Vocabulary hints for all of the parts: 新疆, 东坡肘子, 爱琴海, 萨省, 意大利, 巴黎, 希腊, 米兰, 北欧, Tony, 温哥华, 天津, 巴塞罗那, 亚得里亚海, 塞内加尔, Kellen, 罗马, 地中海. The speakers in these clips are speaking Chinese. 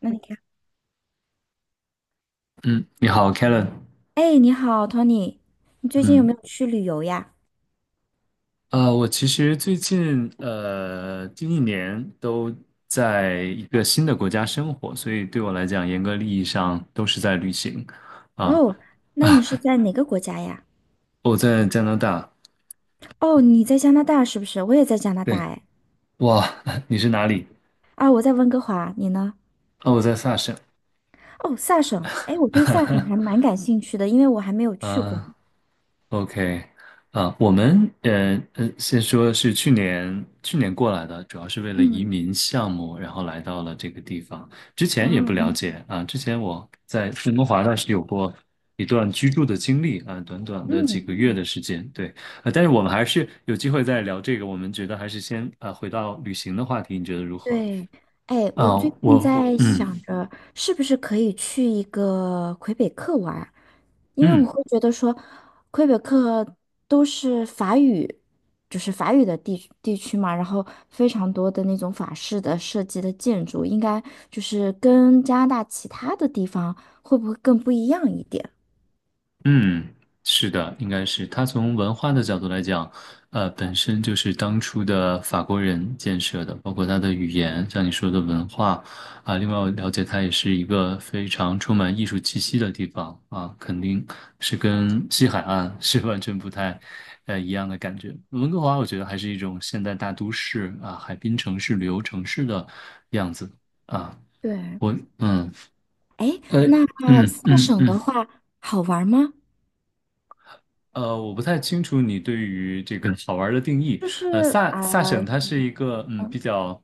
那你看，嗯，你好，Kellen。哎，你好，Tony，你最近有没嗯，有去旅游呀？我其实最近近一年都在一个新的国家生活，所以对我来讲，严格意义上都是在旅行啊哦，那你啊！是在哪个国家呀？我在加拿大，哦，你在加拿大是不是？我也在加拿大，对，哎，哇，你是哪里？啊，我在温哥华，你呢？哦，我在萨省。哦，萨省，哎，我对萨省还 蛮感兴趣的，因为我还没有去过。啊，OK，啊，我们先说是去年过来的，主要是为了移嗯，民项目，然后来到了这个地方。之然前也不后，了解啊，之前我在温哥华那是有过一段居住的经历啊，短短的几嗯。个月的时间，对，但是我们还是有机会再聊这个，我们觉得还是先啊回到旅行的话题，你觉得如何？对，哎，我啊，最近我在嗯想着，是不是可以去一个魁北克玩儿，因为我嗯。会觉得说，魁北克都是法语，就是法语的地区嘛，然后非常多的那种法式的设计的建筑，应该就是跟加拿大其他的地方会不会更不一样一点？嗯，是的，应该是他从文化的角度来讲，本身就是当初的法国人建设的，包括他的语言，像你说的文化啊，另外我了解它也是一个非常充满艺术气息的地方啊，肯定是跟西海岸是完全不太一样的感觉。温哥华我觉得还是一种现代大都市啊，海滨城市、旅游城市的样子啊，对，我嗯哎，呃那嗯嗯萨嗯。省嗯的话好玩儿吗？呃，我不太清楚你对于这个好玩儿的定义。就是呃，萨啊，萨省呃它是一个比较，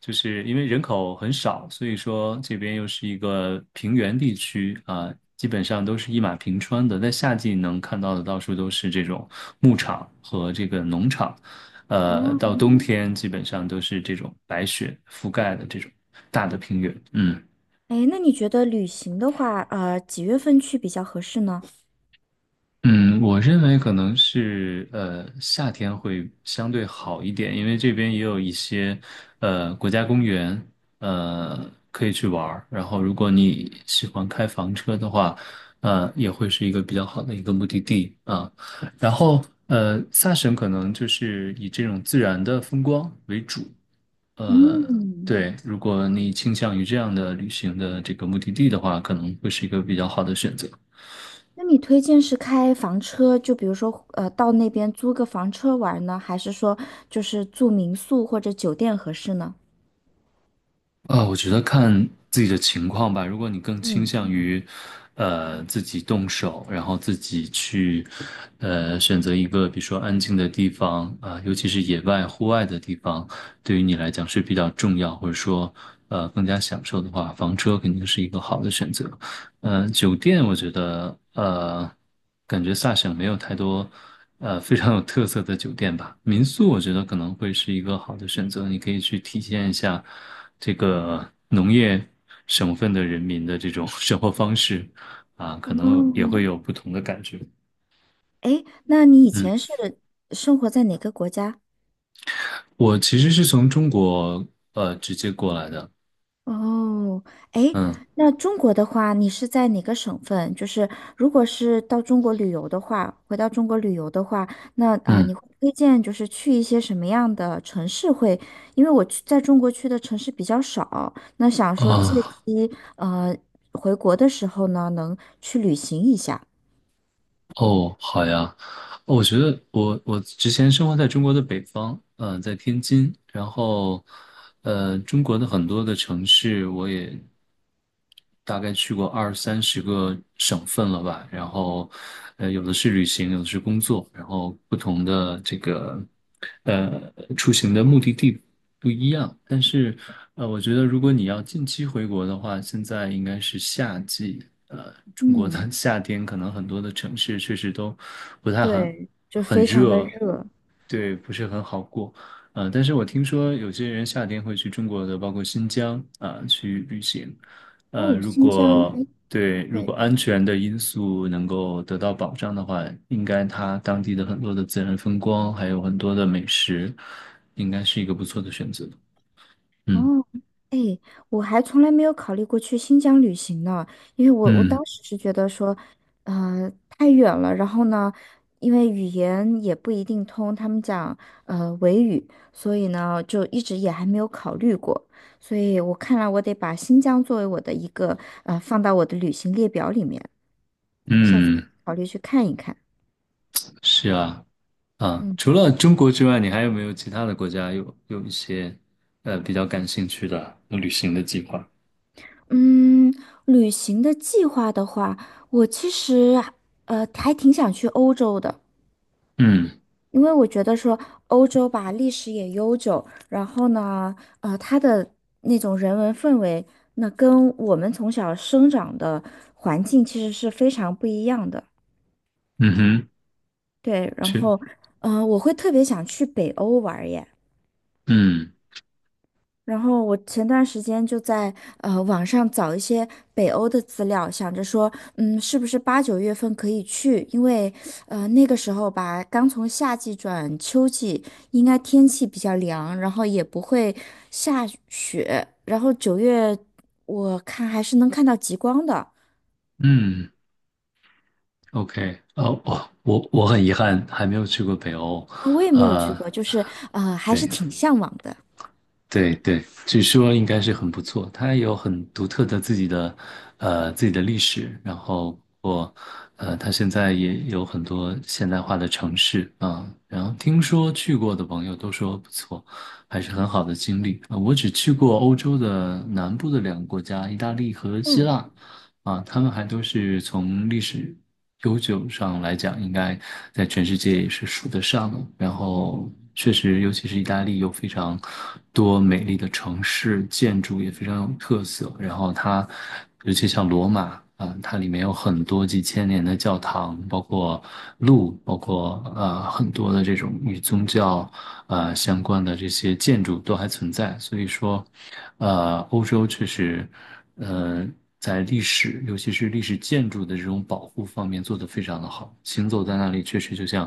就是因为人口很少，所以说这边又是一个平原地区啊，基本上都是一马平川的。在夏季能看到的到处都是这种牧场和这个农场，到冬天基本上都是这种白雪覆盖的这种大的平原。嗯。哎，那你觉得旅行的话，几月份去比较合适呢？嗯，我认为可能是夏天会相对好一点，因为这边也有一些国家公园，可以去玩儿。然后如果你喜欢开房车的话，也会是一个比较好的一个目的地啊。然后萨省可能就是以这种自然的风光为主，呃嗯，对，如果你倾向于这样的旅行的这个目的地的话，可能会是一个比较好的选择。那你推荐是开房车，就比如说，到那边租个房车玩呢，还是说就是住民宿或者酒店合适呢？啊，我觉得看自己的情况吧。如果你更倾嗯，向于，自己动手，然后自己去，选择一个比如说安静的地方啊，尤其是野外、户外的地方，对于你来讲是比较重要，或者说，更加享受的话，房车肯定是一个好的选择。酒店我觉得，感觉萨省没有太多，非常有特色的酒店吧。民宿我觉得可能会是一个好的选择，你可以去体现一下这个农业省份的人民的这种 生活方式，啊，可能也会哦，有不同的感觉。哎，那你以嗯，前是生活在哪个国家？我其实是从中国直接过来的，哦，诶，嗯那中国的话，你是在哪个省份？就是如果是到中国旅游的话，回到中国旅游的话，那你嗯会推荐就是去一些什么样的城市会？因为我去在中国去的城市比较少，那想说借啊。机呃回国的时候呢，能去旅行一下。哦，好呀，哦我觉得我之前生活在中国的北方，在天津，然后，中国的很多的城市我也大概去过20~30个省份了吧，然后，有的是旅行，有的是工作，然后不同的这个，出行的目的地不一样，但是我觉得如果你要近期回国的话，现在应该是夏季。中国的 嗯，夏天可能很多的城市确实都不太很对，就很非常的热，热。对，不是很好过。但是我听说有些人夏天会去中国的，包括新疆啊，去旅行。呃，哦，如新疆，果哎，对，如对。果安全的因素能够得到保障的话，应该它当地的很多的自然风光，还有很多的美食，应该是一个不错的选择。嗯哦，哎，我还从来没有考虑过去新疆旅行呢，因为我嗯。当时是觉得说，太远了，然后呢，因为语言也不一定通，他们讲维语，所以呢，就一直也还没有考虑过，所以我看来我得把新疆作为我的一个放到我的旅行列表里面。下，嗯，是啊，啊，除嗯了中国之外，你还有没有其他的国家有一些比较感兴趣的旅行的计划？嗯，旅行的计划的话，我其实还挺想去欧洲的。嗯因为我觉得说欧洲吧，历史也悠久，然后呢，呃，它的那种人文氛围，那跟我们从小生长的环境其实是非常不一样的。嗯哼，对，然是，后，我会特别想去北欧玩儿耶。嗯然后我前段时间就在网上找一些北欧的资料，想着说，嗯，是不是八九月份可以去？因为那个时候吧，刚从夏季转秋季，应该天气比较凉，然后也不会下雪。然后九月我看还是能看到极光的。嗯，OK,哦哦，我很遗憾还没有去过北欧，啊，我也没有去呃，过，就是还是对，挺向往的。对对，据说应该是很不错。它有很独特的自己的，自己的历史。然后我，它现在也有很多现代化的城市啊。然后听说去过的朋友都说不错，还是很好的经历。啊我只去过欧洲的南部的两个国家，意大利和希嗯腊。啊，他们还都是从历史悠久上来讲，应该在全世界也是数得上的。然后，确实，尤其是意大利有非常多美丽的城市，建筑也非常有特色。然后它，尤其像罗马啊，它里面有很多几千年的教堂，包括路，包括很多的这种与宗教相关的这些建筑都还存在。所以说，欧洲确实，呃。在历史，尤其是历史建筑的这种保护方面做得非常的好。行走在那里，确实就像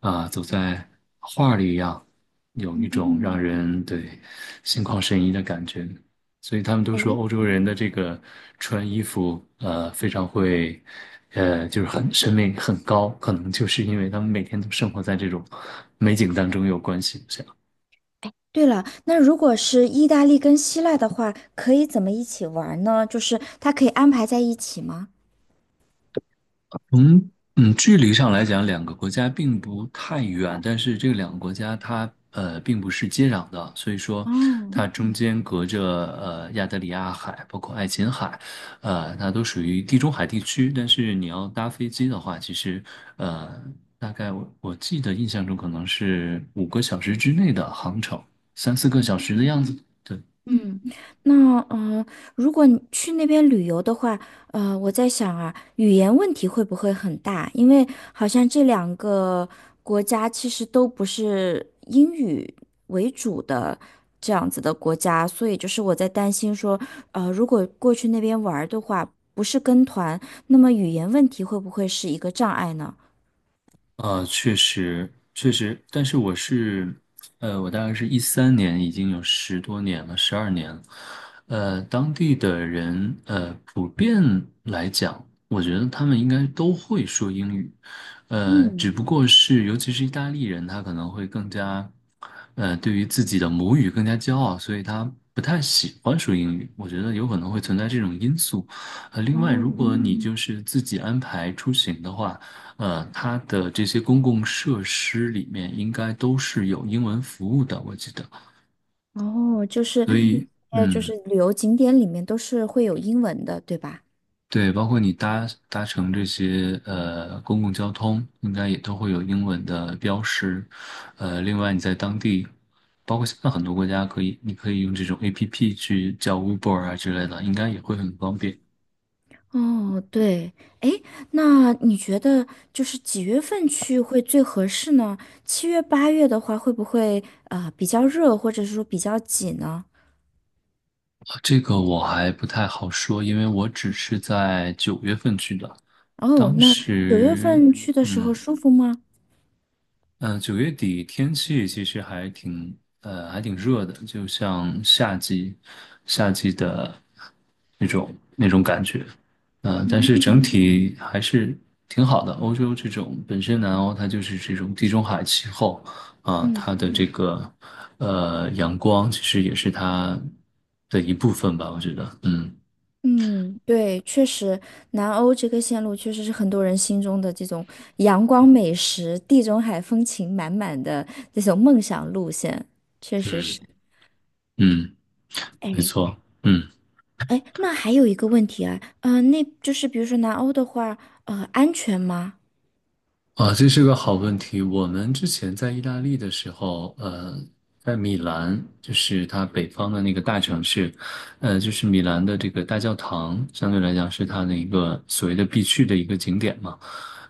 走在画里一样，有一种让嗯，人对心旷神怡的感觉。所以他们都哎，说欧洲人的这个穿衣服，非常会，就是很审美很高，可能就是因为他们每天都生活在这种美景当中有关系。这样对了，那如果是意大利跟希腊的话，可以怎么一起玩呢？就是它可以安排在一起吗？从距离上来讲，两个国家并不太远，但是这两个国家它并不是接壤的，所以说哦，它中间隔着亚得里亚海，包括爱琴海，它都属于地中海地区。但是你要搭飞机的话，其实呃大概我记得印象中可能是5个小时之内的航程，3、4个小时的样子。对。嗯，那如果你去那边旅游的话，呃，我在想啊，语言问题会不会很大？因为好像这两个国家其实都不是英语为主的这样子的国家，所以就是我在担心说，如果过去那边玩儿的话，不是跟团，那么语言问题会不会是一个障碍呢？确实，确实，但是我是，我大概是13年，已经有十多年了，12年了。当地的人，普遍来讲，我觉得他们应该都会说英语，只嗯，不过是，尤其是意大利人，他可能会更加，对于自己的母语更加骄傲，所以他不太喜欢说英语。我觉得有可能会存在这种因素。另外，如哦，果你就是自己安排出行的话，它的这些公共设施里面应该都是有英文服务的，我记得。哦，就是，所以，就嗯，是旅游景点里面都是会有英文的，对吧？对，包括你搭乘这些公共交通，应该也都会有英文的标识。另外你在当地，包括现在很多国家可以，你可以用这种 APP 去叫 Uber 啊之类的，应该也会很方便。哦，对，哎，那你觉得就是几月份去会最合适呢？七月、八月的话，会不会啊比较热，或者是说比较挤呢？啊，这个我还不太好说，因为我只是在9月份去的，哦，当那九月时，份去的时候嗯。舒服吗？9月底天气其实还挺热的，就像夏季的那种感觉。但是嗯整体还是挺好的。欧洲这种本身南欧它就是这种地中海气候嗯它的这个阳光其实也是它的一部分吧，我觉得。嗯嗯，对，确实，南欧这个线路确实是很多人心中的这种阳光美食、地中海风情满满的这种梦想路线，确实嗯，是。嗯，没哎。错。嗯。哎，那还有一个问题啊，那就是比如说南欧的话，安全吗？啊，这是个好问题。我们之前在意大利的时候，在米兰，就是它北方的那个大城市，就是米兰的这个大教堂，相对来讲是它的一个所谓的必去的一个景点嘛。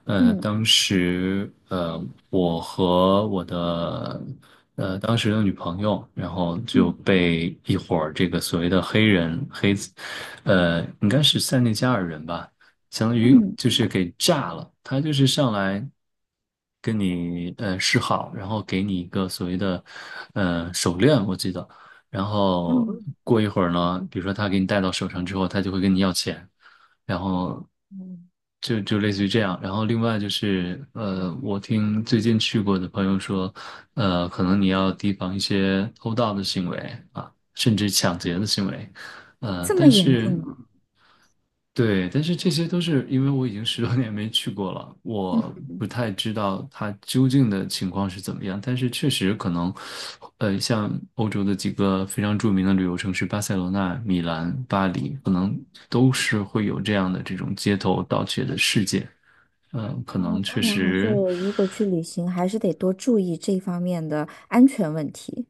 呃，嗯当时，呃，我和当时的女朋友，然后就嗯被一伙儿这个所谓的黑人黑子，应该是塞内加尔人吧。相当于嗯就是给炸了。他就是上来跟你示好，然后给你一个所谓的手链，我记得。然后嗯，过一会儿呢，比如说他给你戴到手上之后，他就会跟你要钱，然后就类似于这样。然后另外就是，我听最近去过的朋友说，可能你要提防一些偷盗的行为啊，甚至抢劫的行为，呃，这么但严是。重吗？对，但是这些都是因为我已经十多年没去过了，嗯，我不太知道它究竟的情况是怎么样。但是确实可能，像欧洲的几个非常著名的旅游城市，巴塞罗那、米兰、巴黎，可能都是会有这样的这种街头盗窃的事件。嗯，可能哦，看确来还是实。如果去旅行，还是得多注意这方面的安全问题。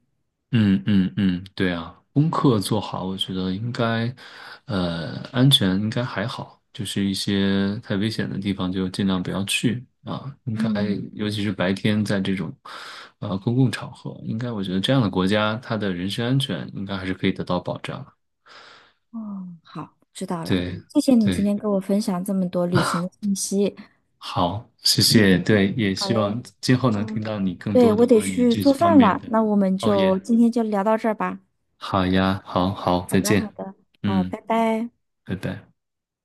嗯嗯嗯，对啊，功课做好，我觉得应该，安全应该还好，就是一些太危险的地方就尽量不要去啊。应该，嗯，尤其是白天在这种，公共场合，应该我觉得这样的国家，他的人身安全应该还是可以得到保障。哦，好，知道了，对谢谢你今对，天跟我分享这么多旅行 的信息。好，谢谢。嗯，对，也好希嘞，望今后能听嗯，到你更对，多的我得关于去这做方饭面了，的。那我们哦就耶，今天就聊到这儿吧。好呀，好好，好再的好见。的，好，嗯，拜拜。拜拜。